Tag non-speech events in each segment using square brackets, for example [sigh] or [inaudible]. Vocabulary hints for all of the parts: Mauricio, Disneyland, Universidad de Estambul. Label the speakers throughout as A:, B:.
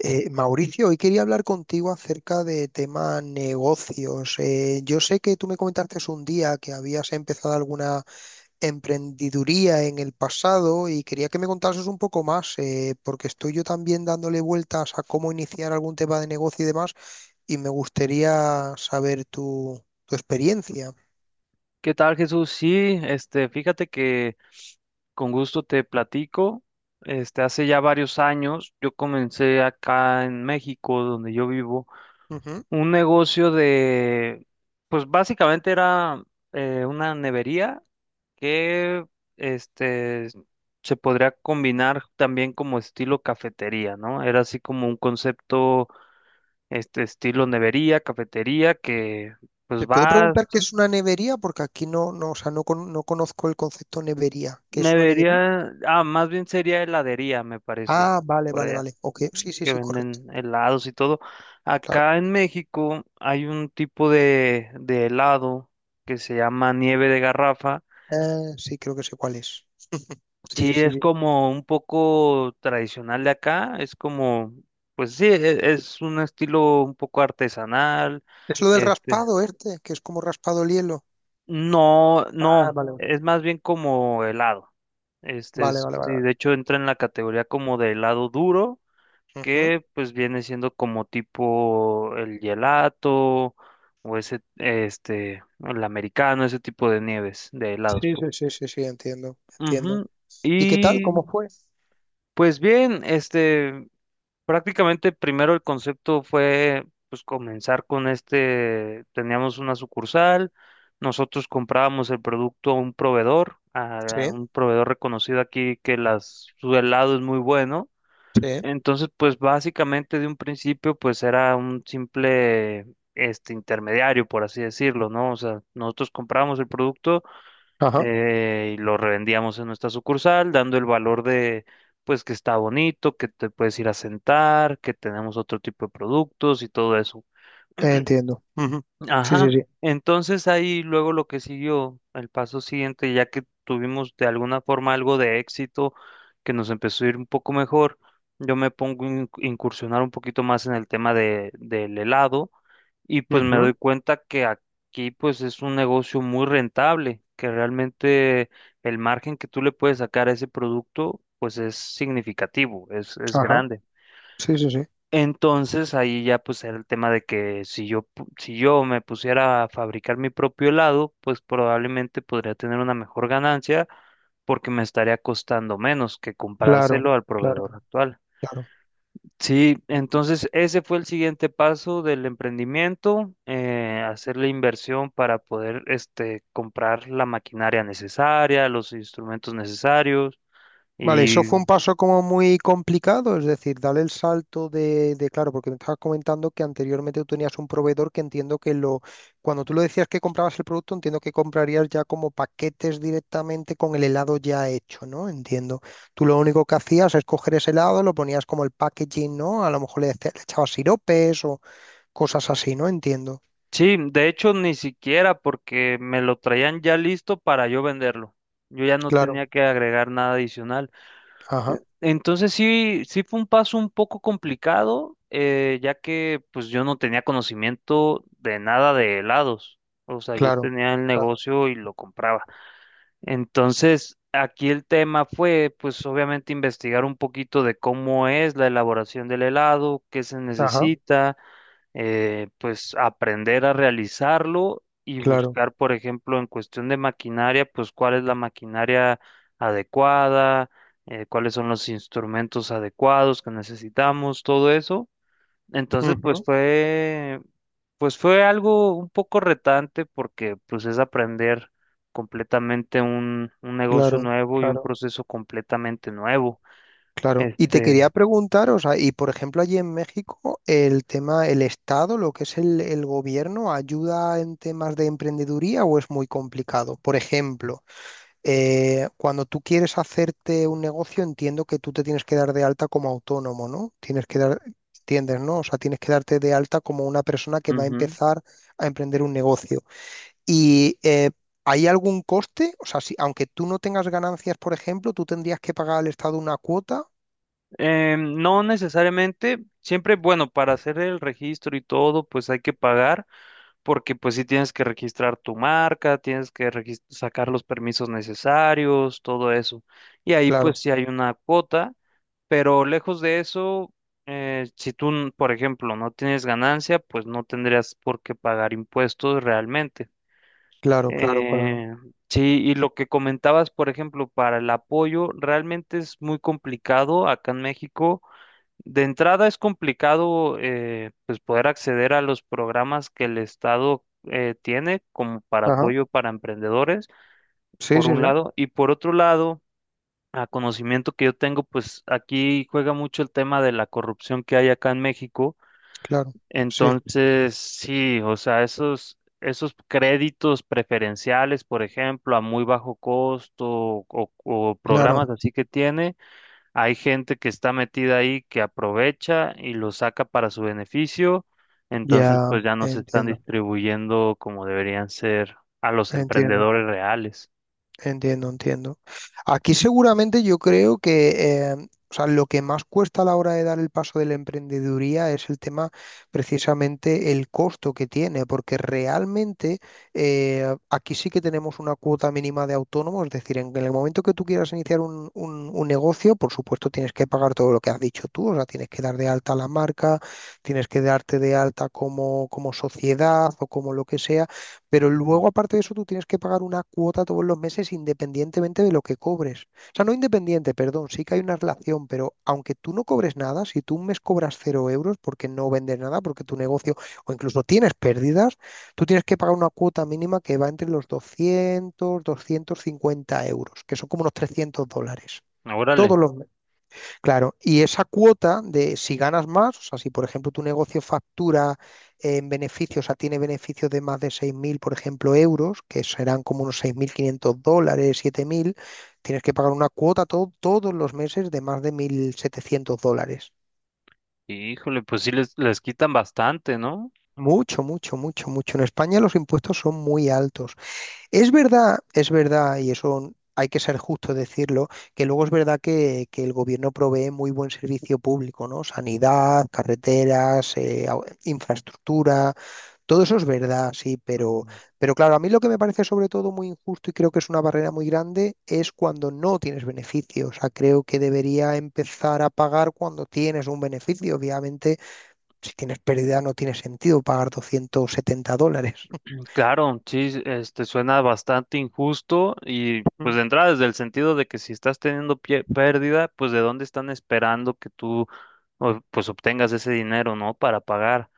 A: Mauricio, hoy quería hablar contigo acerca de tema negocios. Yo sé que tú me comentaste un día que habías empezado alguna emprendiduría en el pasado y quería que me contases un poco más, porque estoy yo también dándole vueltas a cómo iniciar algún tema de negocio y demás, y me gustaría saber tu experiencia.
B: ¿Qué tal, Jesús? Sí, fíjate que con gusto te platico. Hace ya varios años yo comencé acá en México, donde yo vivo,
A: Ujú.
B: un negocio de, pues básicamente era una nevería que, este, se podría combinar también como estilo cafetería, ¿no? Era así como un concepto, estilo nevería, cafetería, que pues
A: ¿Te puedo
B: va.
A: preguntar qué es una nevería? Porque aquí no, no, o sea, no, no conozco el concepto nevería. ¿Qué es una nevería?
B: Nevería, ah, más bien sería heladería, me parece,
A: Ah, vale,
B: por
A: vale,
B: allá,
A: vale. Ok, sí, sí,
B: que
A: sí, correcto.
B: venden helados y todo.
A: Claro.
B: Acá en México hay un tipo de helado que se llama nieve de garrafa.
A: Sí, creo que sé cuál es. Sí,
B: Sí,
A: sí, sí,
B: es
A: sí.
B: como un poco tradicional de acá, es como, pues sí, es un estilo un poco artesanal,
A: Es lo del
B: este,
A: raspado, este, que es como raspado el hielo.
B: no,
A: Ah,
B: no,
A: vale.
B: es más bien como helado. Este
A: Vale,
B: es,
A: vale, vale,
B: sí,
A: vale.
B: de hecho entra en la categoría como de helado duro.
A: Ujú.
B: Que pues viene siendo como tipo el gelato o ese, el americano, ese tipo de nieves, de
A: Sí,
B: helados,
A: sí,
B: pues.
A: sí, sí, sí, entiendo, entiendo.
B: Ujú.
A: ¿Y qué tal?
B: Y
A: ¿Cómo fue?
B: pues bien, prácticamente primero el concepto fue pues comenzar con este, teníamos una sucursal, nosotros comprábamos el producto a
A: Sí,
B: un proveedor reconocido aquí que las, su helado es muy bueno.
A: sí.
B: Entonces, pues básicamente de un principio, pues era un simple intermediario, por así decirlo, ¿no? O sea, nosotros comprábamos el producto
A: Ajá,
B: y lo revendíamos en nuestra sucursal, dando el valor de, pues que está bonito, que te puedes ir a sentar, que tenemos otro tipo de productos y todo eso.
A: entiendo. Ujú. Sí,
B: Ajá,
A: sí, sí.
B: entonces ahí luego lo que siguió, el paso siguiente, ya que tuvimos de alguna forma algo de éxito, que nos empezó a ir un poco mejor, yo me pongo a incursionar un poquito más en el tema de, del helado, y pues me
A: Ujú.
B: doy cuenta que aquí pues es un negocio muy rentable, que realmente el margen que tú le puedes sacar a ese producto pues es significativo, es
A: Ajá,
B: grande.
A: sí, sí, sí.
B: Entonces ahí ya pues era el tema de que si yo si yo me pusiera a fabricar mi propio helado, pues probablemente podría tener una mejor ganancia porque me estaría costando menos que
A: Claro,
B: comprárselo al
A: claro,
B: proveedor actual.
A: claro.
B: Sí, entonces ese fue el siguiente paso del emprendimiento, hacer la inversión para poder comprar la maquinaria necesaria, los instrumentos necesarios
A: Vale, eso
B: y.
A: fue un paso como muy complicado, es decir, darle el salto claro, porque me estabas comentando que anteriormente tú tenías un proveedor que entiendo que lo, cuando tú lo decías que comprabas el producto, entiendo que comprarías ya como paquetes directamente con el helado ya hecho, ¿no? Entiendo. Tú lo único que hacías es coger ese helado, lo ponías como el packaging, ¿no? A lo mejor le echabas siropes o cosas así, ¿no? Entiendo.
B: Sí, de hecho ni siquiera porque me lo traían ya listo para yo venderlo. Yo ya no
A: Claro,
B: tenía que agregar nada adicional.
A: ajá,
B: Entonces sí, sí fue un paso un poco complicado, ya que pues yo no tenía conocimiento de nada de helados. O sea, yo
A: claro,
B: tenía el
A: a-
B: negocio y lo compraba. Entonces aquí el tema fue pues obviamente investigar un poquito de cómo es la elaboración del helado, qué se
A: ajá,
B: necesita, pues aprender a realizarlo y
A: claro,
B: buscar, por ejemplo, en cuestión de maquinaria, pues cuál es la maquinaria adecuada, cuáles son los instrumentos adecuados que necesitamos, todo eso. Entonces,
A: ujú,
B: pues fue algo un poco retante porque pues es aprender completamente un negocio
A: claro,
B: nuevo y un
A: claro.
B: proceso completamente nuevo.
A: Claro, y te
B: Este,
A: quería preguntar, o sea, y por ejemplo allí en México, el tema, el Estado, lo que es el gobierno, ¿ayuda en temas de emprendeduría o es muy complicado? Por ejemplo, cuando tú quieres hacerte un negocio, entiendo que tú te tienes que dar de alta como autónomo, ¿no? Tienes que dar, entiendes, ¿no? O sea, tienes que darte de alta como una persona que va a
B: ujú.
A: empezar a emprender un negocio. Y ¿hay algún coste? O sea, si, aunque tú no tengas ganancias, por ejemplo, tú tendrías que pagar al Estado una cuota.
B: No necesariamente, siempre, bueno, para hacer el registro y todo, pues hay que pagar, porque pues sí tienes que registrar tu marca, tienes que sacar los permisos necesarios, todo eso. Y ahí pues
A: Claro.
B: sí hay una cuota, pero lejos de eso, si tú, por ejemplo, no tienes ganancia, pues no tendrías por qué pagar impuestos realmente.
A: Claro, claro, claro.
B: Eh, sí, y lo que comentabas, por ejemplo, para el apoyo, realmente es muy complicado acá en México, de entrada es complicado, pues poder acceder a los programas que el Estado tiene como para
A: Ajá.
B: apoyo para emprendedores,
A: Sí,
B: por
A: sí,
B: un
A: sí.
B: lado, y por otro lado, a conocimiento que yo tengo, pues aquí juega mucho el tema de la corrupción que hay acá en México.
A: Claro. Sí,
B: Entonces, sí, o sea, esos, esos créditos preferenciales, por ejemplo, a muy bajo costo o
A: claro.
B: programas así que tiene. Hay gente que está metida ahí que aprovecha y lo saca para su beneficio, entonces
A: Ya
B: pues ya no se están
A: entiendo.
B: distribuyendo como deberían ser a los
A: Entiendo.
B: emprendedores reales.
A: Entiendo, entiendo. Aquí seguramente yo creo que o sea, lo que más cuesta a la hora de dar el paso de la emprendeduría es el tema precisamente el costo que tiene, porque realmente aquí sí que tenemos una cuota mínima de autónomo, es decir, en el momento que tú quieras iniciar un negocio, por supuesto tienes que pagar todo lo que has dicho tú, o sea, tienes que dar de alta la marca, tienes que darte de alta como, sociedad o como lo que sea. Pero
B: Ujú.
A: luego, aparte de eso, tú tienes que pagar una cuota todos los meses independientemente de lo que cobres. O sea, no independiente, perdón, sí que hay una relación, pero aunque tú no cobres nada, si tú un mes cobras cero euros porque no vendes nada, porque tu negocio o incluso tienes pérdidas, tú tienes que pagar una cuota mínima que va entre los 200, 250 euros, que son como unos $300,
B: Órale,
A: todos los. Claro, y esa cuota de si ganas más, o sea, si por ejemplo tu negocio factura en beneficios, o sea, tiene beneficios de más de 6.000, por ejemplo, euros, que serán como unos 6.500 dólares, 7.000, tienes que pagar una cuota todos los meses de más de 1.700 dólares.
B: híjole, pues sí les quitan bastante, ¿no?
A: Mucho, mucho, mucho, mucho. En España los impuestos son muy altos. Es verdad, y eso hay que ser justo decirlo, que luego es verdad que el gobierno provee muy buen servicio público, ¿no? Sanidad, carreteras, infraestructura, todo eso es verdad, sí,
B: Ujú.
A: pero claro, a mí lo que me parece sobre todo muy injusto y creo que es una barrera muy grande es cuando no tienes beneficio. O sea, creo que debería empezar a pagar cuando tienes un beneficio. Obviamente, si tienes pérdida no tiene sentido pagar 270 dólares.
B: Claro, sí, sí, este suena bastante injusto y pues
A: [laughs]
B: de entrada desde el sentido de que si estás teniendo pérdida, pues de dónde están esperando que tú pues obtengas ese dinero, ¿no? Para pagar.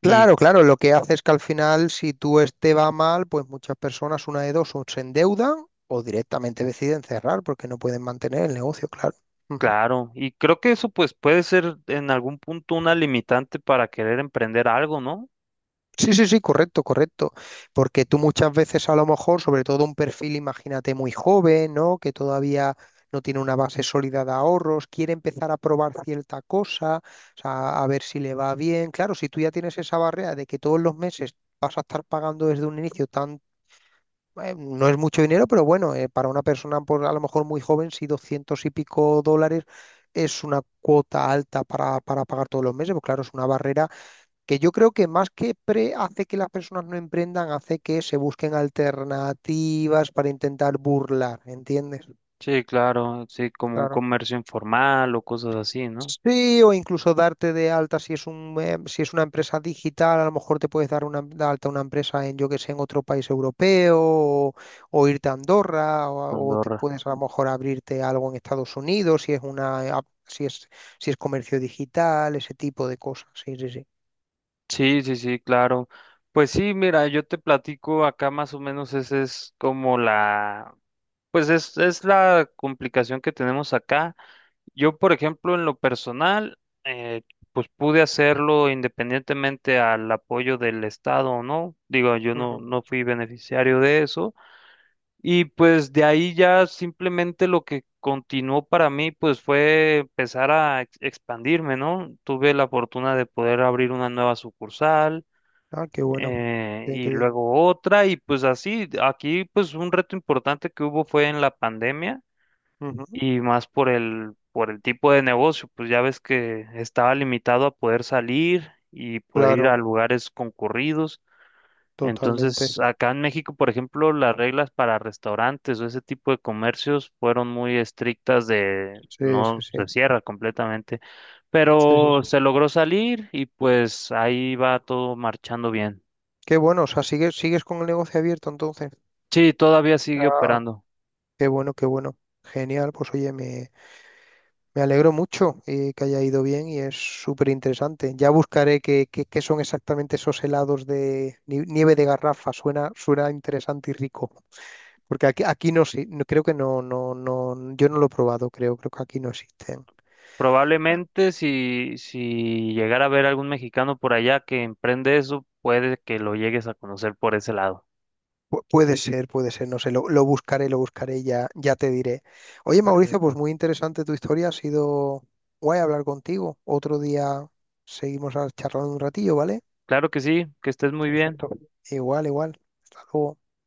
A: Claro, claro, lo que hace es que al final, si tú va mal, pues muchas personas, una de dos, o se endeudan o directamente deciden cerrar porque no pueden mantener el negocio, claro. Ujú.
B: Claro, y creo que eso pues puede ser en algún punto una limitante para querer emprender algo, ¿no?
A: Sí, sí, sí, correcto, correcto. Porque tú muchas veces a lo mejor, sobre todo un perfil, imagínate, muy joven, ¿no? Que todavía no tiene una base sólida de ahorros, quiere empezar a probar cierta cosa, o sea, a ver si le va bien. Claro, si tú ya tienes esa barrera de que todos los meses vas a estar pagando desde un inicio tanto no es mucho dinero, pero bueno, para una persona por, a lo mejor muy joven, si 200 y pico dólares es una cuota alta para, pagar todos los meses, pues claro, es una barrera que yo creo que más que pre hace que las personas no emprendan, hace que se busquen alternativas para intentar burlar, ¿entiendes?
B: Sí, claro, sí, como un
A: Claro.
B: comercio informal o cosas así, ¿no?
A: Sí, o incluso darte de alta si es un, si es una empresa digital, a lo mejor te puedes dar una, de alta una empresa en, yo que sé, en otro país europeo o, irte a Andorra o, o te
B: Andorra.
A: puedes a lo mejor abrirte algo en Estados Unidos si es una, si es comercio digital, ese tipo de cosas. Sí, sí, sí.
B: Sí, sí, sí, claro. Pues sí, mira, yo te platico acá más o menos ese es como la. Pues es la complicación que tenemos acá. Yo, por ejemplo, en lo personal, eh, pues pude hacerlo independientemente al apoyo del Estado o no. Digo, yo no,
A: Ujú.
B: no fui beneficiario de eso. Y pues de ahí ya simplemente lo que continuó para mí, pues fue empezar a expandirme, ¿no? Tuve la fortuna de poder abrir una nueva sucursal,
A: Ah, qué bueno. Bien,
B: y
A: qué bien.
B: luego otra, y pues así, aquí pues un reto importante que hubo fue en la pandemia
A: Ujú.
B: y más por el tipo de negocio, pues ya ves que estaba limitado a poder salir y poder ir
A: Claro,
B: a lugares concurridos. Entonces,
A: totalmente.
B: acá en México, por ejemplo, las reglas para restaurantes o ese tipo de comercios fueron muy estrictas de
A: Sí, sí,
B: no
A: sí.
B: se cierra completamente,
A: Sí, sí,
B: pero
A: sí.
B: se logró salir y pues ahí va todo marchando bien.
A: Qué bueno, o sea, sigues, sigues con el negocio abierto entonces.
B: Sí, todavía sigue
A: Ah,
B: operando.
A: qué bueno, qué bueno. Genial, pues oye, me alegro mucho que haya ido bien y es súper interesante. Ya buscaré qué son exactamente esos helados de nieve de garrafa. Suena interesante y rico. Porque aquí, aquí no, sé, no creo que no, no, no, yo no lo he probado, creo que aquí no existen.
B: Probablemente si, si llegara a ver algún mexicano por allá que emprende eso, puede que lo llegues a conocer por ese lado.
A: Puede ser, puede ser, no sé, lo buscaré, lo buscaré y ya, ya te diré. Oye, Mauricio, pues
B: Perfecto.
A: muy interesante tu historia, ha sido guay hablar contigo. Otro día seguimos charlando un ratillo, ¿vale?
B: Claro que sí, que estés muy bien.
A: Perfecto. Igual, igual. Hasta luego.